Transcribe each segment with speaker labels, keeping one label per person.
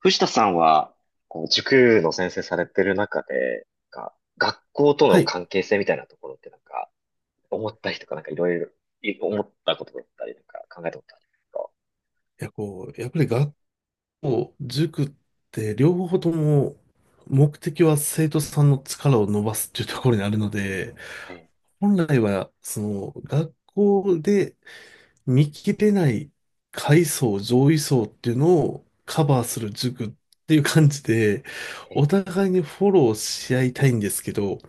Speaker 1: 藤田さんは、こう塾の先生されてる中で、学校と
Speaker 2: は
Speaker 1: の
Speaker 2: い。
Speaker 1: 関係性みたいなところって思ったりとか、なんかいろいろ、い思ったことだったり、考えたことありますか？
Speaker 2: こう、やっぱり学校、塾って両方とも目的は生徒さんの力を伸ばすっていうところにあるので、
Speaker 1: え
Speaker 2: 本来は、その、学校で見切れない階層、上位層っていうのをカバーする塾っていう感じで、
Speaker 1: え、え
Speaker 2: お
Speaker 1: え、
Speaker 2: 互いにフォローし合いたいんですけど、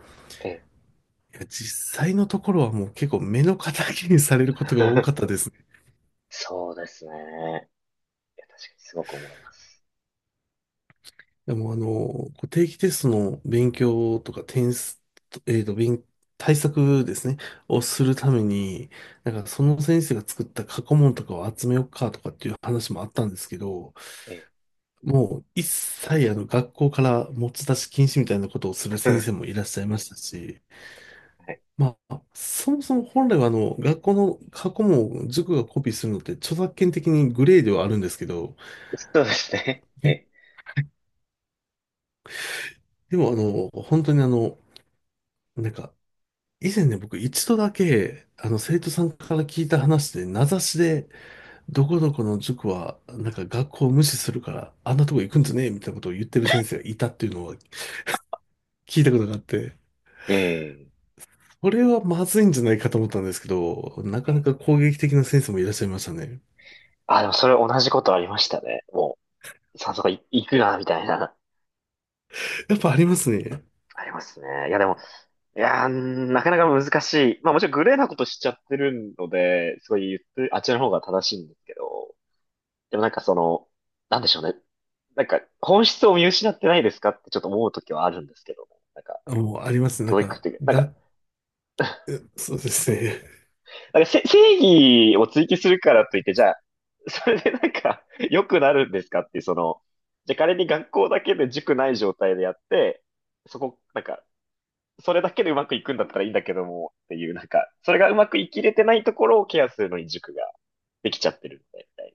Speaker 1: ええ。
Speaker 2: いや実際のところはもう結構目の敵にされることが多かったで すね。
Speaker 1: そうですね。いや、確かにすごく思います。
Speaker 2: でもあの、こう定期テストの勉強とか点数、えーと、勉、対策ですね、をするために、なんかその先生が作った過去問とかを集めようかとかっていう話もあったんですけど、
Speaker 1: ええ。
Speaker 2: もう一切あの学校から持ち出し禁止みたいなことをする先生 もいらっしゃいましたし、
Speaker 1: はい。
Speaker 2: まあ、そもそも本来はあの学校の過去問を塾がコピーするのって著作権的にグレーではあるんですけど、
Speaker 1: そうですね。え
Speaker 2: え、
Speaker 1: え、
Speaker 2: でもあの、本当にあの、なんか、以前ね、僕一度だけ、あの、生徒さんから聞いた話で、名指しで、どこどこの塾は、なんか学校を無視するから、あんなとこ行くんじゃねえみたいなことを言ってる先生がいたっていうのは聞いたことがあって、
Speaker 1: ええ、
Speaker 2: これはまずいんじゃないかと思ったんですけど、な
Speaker 1: え
Speaker 2: かな
Speaker 1: え。
Speaker 2: か攻撃的な先生もいらっしゃいましたね。
Speaker 1: あ、でもそれ同じことありましたね。もう、早速い行くな、みたいな。
Speaker 2: やっぱありますね。
Speaker 1: ありますね。いや、でも、いやー、なかなか難しい。まあもちろんグレーなことしちゃってるので、すごい言ってる、あっちの方が正しいんですけど、でもなんかその、なんでしょうね。なんか、本質を見失ってないですかってちょっと思うときはあるんですけども、
Speaker 2: あもうありますね。
Speaker 1: 教育っていう
Speaker 2: えそうですね。
Speaker 1: なんかせ正義を追求するからといって、じゃあ、それでなんか、良くなるんですかっていう、その、じゃあ仮に学校だけで塾ない状態でやって、そこ、なんか、それだけでうまくいくんだったらいいんだけども、っていう、それがうまくいきれてないところをケアするのに塾ができちゃってるみたい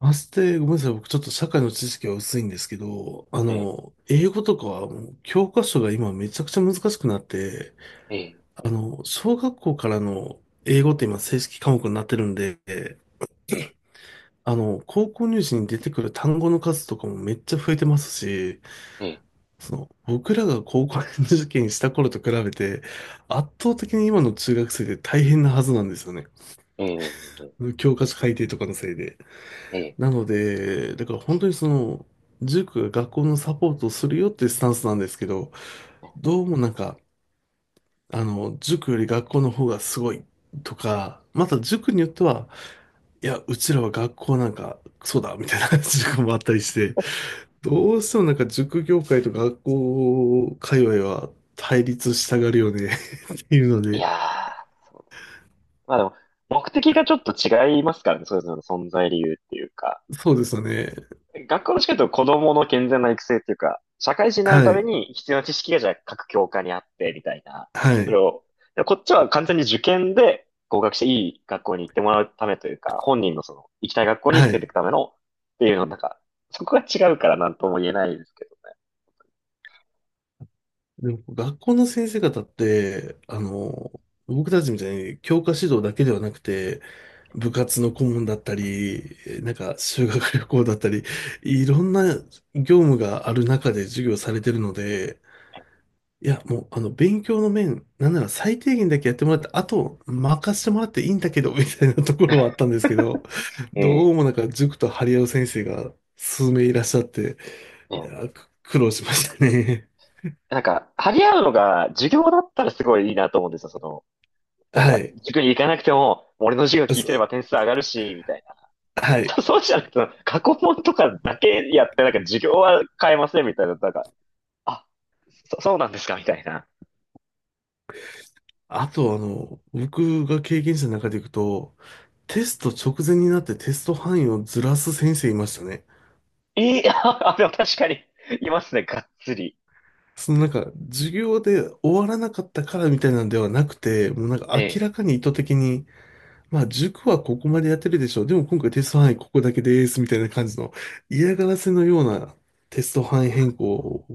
Speaker 2: まして、ごめんなさい。僕ちょっと社会の知識は薄いんですけど、あ
Speaker 1: な。ええ、
Speaker 2: の、英語とかはもう教科書が今めちゃくちゃ難しくなって、
Speaker 1: ええ、
Speaker 2: あの、小学校からの英語って今正式科目になってるんで、
Speaker 1: え
Speaker 2: あの、高校入試に出てくる単語の数とかもめっちゃ増えてますし、
Speaker 1: え、
Speaker 2: その、僕らが高校受験した頃と比べて、圧倒的に今の中学生って大変なはずなんですよね。
Speaker 1: ええ、ええ。
Speaker 2: 教科書改定とかのせいで。
Speaker 1: ええ、
Speaker 2: なので、だから本当にその、塾が学校のサポートをするよっていうスタンスなんですけど、どうもなんか、あの、塾より学校の方がすごいとか、また塾によっては、いや、うちらは学校なんか、そうだ、みたいな 塾もあったりして、どうしてもなんか塾業界と学校界隈は対立したがるよね。いるの
Speaker 1: い
Speaker 2: で、
Speaker 1: やー、そう。まあでも、目的がちょっと違いますからね、それぞれの存在理由っていうか。
Speaker 2: そうですよね。
Speaker 1: 学校の近くと子供の健全な育成っていうか、社会人になる
Speaker 2: は
Speaker 1: ため
Speaker 2: い。
Speaker 1: に必要な知識がじゃあ各教科にあって、みたいな。
Speaker 2: は
Speaker 1: それ
Speaker 2: い。
Speaker 1: を、でもこっちは完全に受験で合格していい学校に行ってもらうためというか、本人のその、行きたい学校に連
Speaker 2: は
Speaker 1: れてい
Speaker 2: い。
Speaker 1: くための、っていうの、そこが違うからなんとも言えないですけど
Speaker 2: でも、学校の先生方って、あの、僕たちみたいに教科指導だけではなくて、部活の顧問だったり、なんか修学旅行だったり、いろんな業務がある中で授業されてるので、いや、もう、あの、勉強の面、なんなら最低限だけやってもらって、あと、任せてもらっていいんだけど、みたいなところはあったんですけど、
Speaker 1: ね。え
Speaker 2: ど
Speaker 1: え。
Speaker 2: うもなんか塾と張り合う先生が数名いらっしゃって、い
Speaker 1: ええ、
Speaker 2: やー、く苦労しましたね。
Speaker 1: 張り合うのが授業だったらすごいいいなと思うんですよ、その、
Speaker 2: はい。
Speaker 1: 塾に行かなくても、俺の授業聞いてれ
Speaker 2: そ
Speaker 1: ば点数上がるし、みたいな。
Speaker 2: は い。
Speaker 1: そうじゃなくて、過去問とかだけやって、なんか授業は変えませんみたいな、あ、そうなんですかみたいな。
Speaker 2: あと、あの、僕が経験者の中でいくと、テスト直前になってテスト範囲をずらす先生いましたね。
Speaker 1: いい、あ、でも確かに、いますね、がっつり。
Speaker 2: そのなんか、授業で終わらなかったからみたいなんではなくて、もうなんか
Speaker 1: え
Speaker 2: 明
Speaker 1: え。
Speaker 2: らかに意図的に、まあ塾はここまでやってるでしょう。でも今回テスト範囲ここだけですみたいな感じの嫌がらせのようなテスト範囲変更を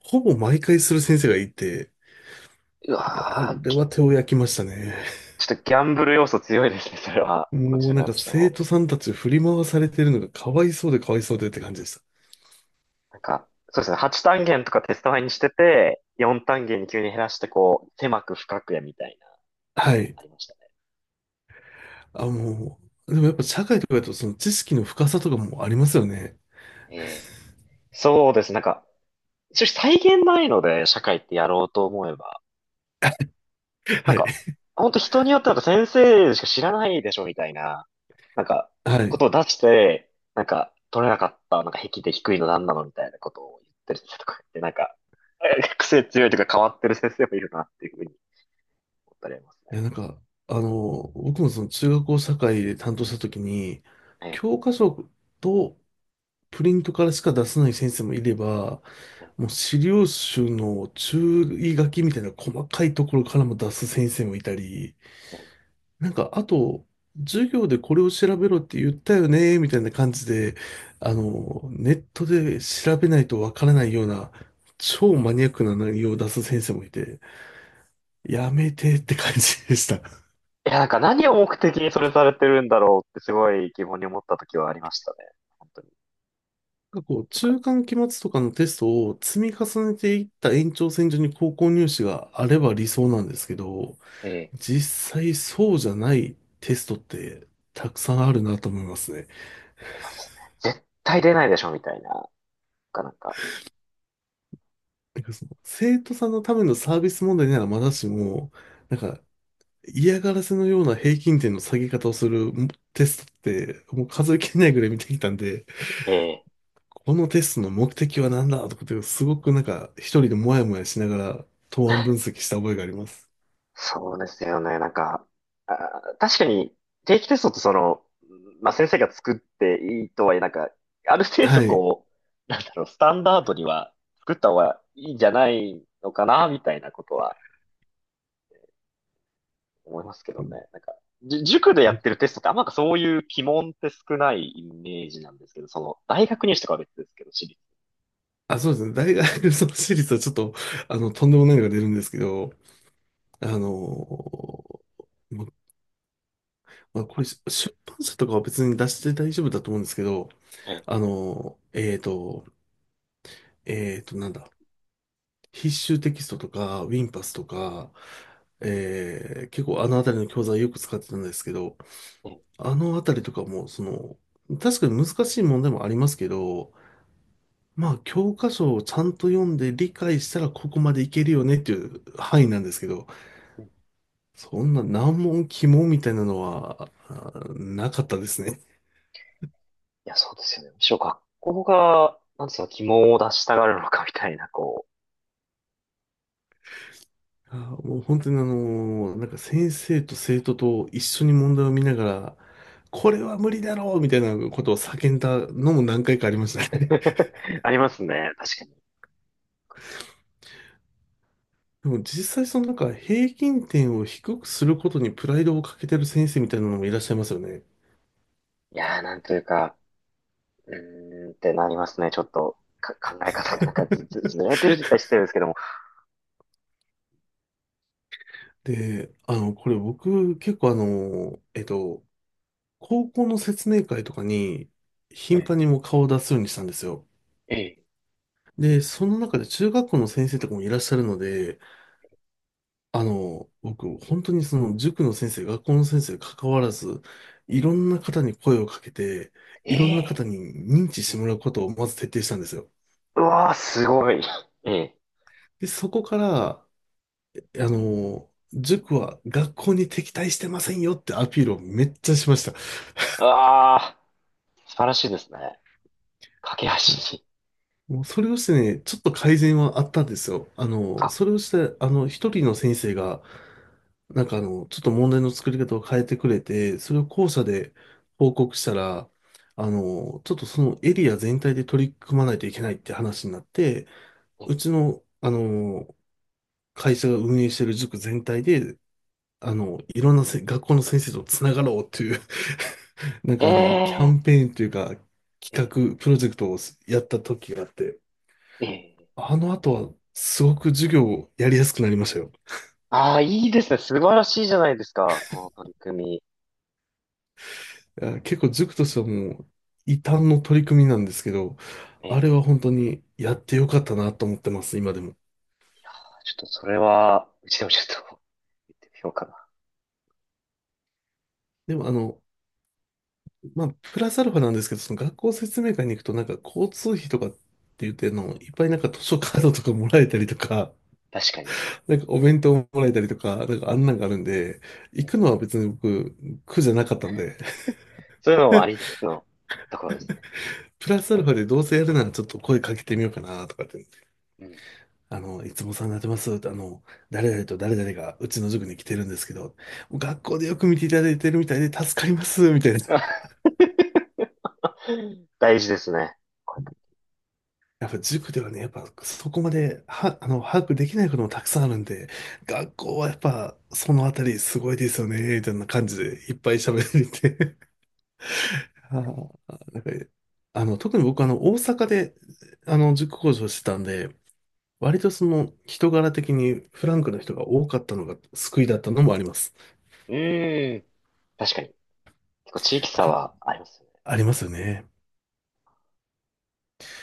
Speaker 2: ほぼ毎回する先生がいて、
Speaker 1: う
Speaker 2: もうあ
Speaker 1: わー、
Speaker 2: れ
Speaker 1: き、
Speaker 2: は手を焼きましたね。
Speaker 1: ちょっとギャンブル要素強いですね、それは。こち
Speaker 2: もう
Speaker 1: ら
Speaker 2: なん
Speaker 1: 側
Speaker 2: か
Speaker 1: として
Speaker 2: 生
Speaker 1: も。
Speaker 2: 徒さんたち振り回されてるのがかわいそうでかわいそうでって感じでし
Speaker 1: そうですね、8単元とかテスト前にしてて、4単元に急に減らして、こう、狭く深くやみたいな
Speaker 2: た。
Speaker 1: の
Speaker 2: は
Speaker 1: は
Speaker 2: い。
Speaker 1: ありましたね。
Speaker 2: あ、もう、でもやっぱ社会とかだとその知識の深さとかもありますよね。
Speaker 1: ええ。そうですね、一応再現ないので、社会ってやろうと思えば。な
Speaker 2: は
Speaker 1: ん
Speaker 2: い。
Speaker 1: か、ほんと人によってなんか先生しか知らないでしょみたいな、なんか、
Speaker 2: はい。
Speaker 1: こ
Speaker 2: い
Speaker 1: とを出して、なんか取れなかった、なんか壁で低いのなんなのみたいなことを言ってる先生とか言って、癖強いというか変わってる先生もいるなっていうふうに思ったりありますね。
Speaker 2: や、あの、僕もその中学校社会で担当した時に、
Speaker 1: ええ、
Speaker 2: 教科書とプリントからしか出せない先生もいれば、もう資料集の注意書きみたいな細かいところからも出す先生もいたり、
Speaker 1: え
Speaker 2: なんか、あと、授業でこれを調べろって言ったよね、みたいな感じで、あの、ネットで調べないとわからないような、超マニアックな内容を出す先生もいて、やめてって感じでした。
Speaker 1: え。いや、なんか何を目的にそれされてるんだろうってすごい疑問に思った時はありましたね。本当に。
Speaker 2: なんかこう、
Speaker 1: なんか、
Speaker 2: 中間期末とかのテストを積み重ねていった延長線上に高校入試があれば理想なんですけど、
Speaker 1: ええ、
Speaker 2: 実際そうじゃないテストってたくさんあるなと思いますね。
Speaker 1: ありますね。絶対出ないでしょみたいな、かなんか。
Speaker 2: なんかその生徒さんのためのサービス問題ならまだしも、なんか嫌がらせのような平均点の下げ方をするテストってもう数えきれないぐらい見てきたんで、
Speaker 1: ええ。
Speaker 2: このテストの目的は何だとかってすごくなんか一人でモヤモヤしながら答案分析した覚えがあります。
Speaker 1: そうですよね。あー、確かに定期テストってその、まあ、先生が作っていいとはいえ、ある程度
Speaker 2: はい。
Speaker 1: こう、なんだろう、スタンダードには作った方がいいんじゃないのかな、みたいなことは思いますけどね。塾でやってるテストってあんまなんかそういう鬼門って少ないイメージなんですけど、その、大学入試とかは別ですけど、私立。
Speaker 2: あ、そうですね。大学の私立はちょっと、あの、とんでもないのが出るんですけど、あのーままあ、これ、出版社とかは別に出して大丈夫だと思うんですけど、
Speaker 1: ええ、
Speaker 2: あの、えーと、えーと、なんだ、必修テキストとか、ウィンパスとか、結構あのあたりの教材よく使ってたんですけど、
Speaker 1: え
Speaker 2: あのあたりとかも、その、確かに難しい問題もありますけど、まあ、教科書をちゃんと読んで理解したらここまでいけるよねっていう範囲なんですけど、
Speaker 1: え、い
Speaker 2: そんな難問、鬼門みたいなのは、あなかったですね。
Speaker 1: や、そうですよね。むしろ学校が、なんでその鬼門を出したがるのかみたいな、こう、
Speaker 2: あもう本当にあのなんか先生と生徒と一緒に問題を見ながら、これは無理だろうみたいなことを叫んだのも何回かありましたね。
Speaker 1: ありますね。確かに。
Speaker 2: でも実際そのなんか平均点を低くすることにプライドをかけてる先生みたいなのもいらっしゃいますよね。
Speaker 1: いやー、なんというか、うーんってなりますね。ちょっと、か、考え方がなんかずれてるって言ったら失礼ですけども。
Speaker 2: で、あの、これ僕結構あの、えっと、高校の説明会とかに頻
Speaker 1: え
Speaker 2: 繁にもう顔を出すようにしたんですよ。
Speaker 1: え、ええ、
Speaker 2: で、その中で中学校の先生とかもいらっしゃるので、あの、僕、本当にその塾の先生、学校の先生関わらず、いろんな方に声をかけて、いろんな
Speaker 1: え
Speaker 2: 方に認知
Speaker 1: え、
Speaker 2: しても
Speaker 1: ええ、
Speaker 2: らうことをまず徹底したんですよ。
Speaker 1: うわー、すごい。ええ、
Speaker 2: で、そこから、あの、塾は学校に敵対してませんよってアピールをめっちゃしました。
Speaker 1: あー、素晴らしいですね。架け橋に。
Speaker 2: もうそれをしてね、ちょっと改善はあったんですよ。あの、
Speaker 1: あ、
Speaker 2: それをして、あの、一人の先生が、なんかあの、ちょっと問題の作り方を変えてくれて、それを校舎で報告したら、あの、ちょっとそのエリア全体で取り組まないといけないって話になって、うちの、あの、会社が運営してる塾全体で、あの、いろんなせ学校の先生とつながろうという、なん
Speaker 1: え
Speaker 2: かあの、キャ
Speaker 1: え、
Speaker 2: ンペーンというか、
Speaker 1: ええ、
Speaker 2: 企画、プロジェクトをやった時があって、
Speaker 1: ええ、
Speaker 2: あの後は、すごく授業やりやすくなりましたよ。
Speaker 1: ああー、いいですね。素晴らしいじゃないですか。その取り組み。
Speaker 2: いや結構塾としてはもう、異端の取り組みなんですけど、
Speaker 1: え
Speaker 2: あ
Speaker 1: え、
Speaker 2: れは本当にやってよかったなと思ってます、今でも。
Speaker 1: ちょっとそれは、うちでもちょっと、言ってみようかな。
Speaker 2: でもあの、まあ、プラスアルファなんですけど、その学校説明会に行くとなんか交通費とかって言ってあの、いっぱいなんか
Speaker 1: うん、
Speaker 2: 図書カードとかもらえたりとか、
Speaker 1: 確かに。
Speaker 2: なんかお弁当もらえたりとか、なんかあんなんがあるんで、行くのは別に僕、苦じゃなかったんで、
Speaker 1: そういうのもありつつのところですね。
Speaker 2: プラスアルファでどうせやるならちょっと声かけてみようかなとかって
Speaker 1: うん。
Speaker 2: あの、いつもお世話になってます。あの、誰々と誰々がうちの塾に来てるんですけど、学校でよく見ていただいてるみたいで助かります、みたいな。
Speaker 1: 大事ですね。これから、
Speaker 2: やっぱ塾ではね、やっぱそこまでは、あの、把握できないこともたくさんあるんで、学校はやっぱそのあたりすごいですよね、みたいな感じでいっぱい喋っていて。あーなんかあの、特に僕あの、大阪で、あの、塾講師をしてたんで、割とその人柄的にフランクな人が多かったのが救いだったのもあります。
Speaker 1: うーん。確かに。結構地域差
Speaker 2: 結構
Speaker 1: はあります
Speaker 2: ありますよね。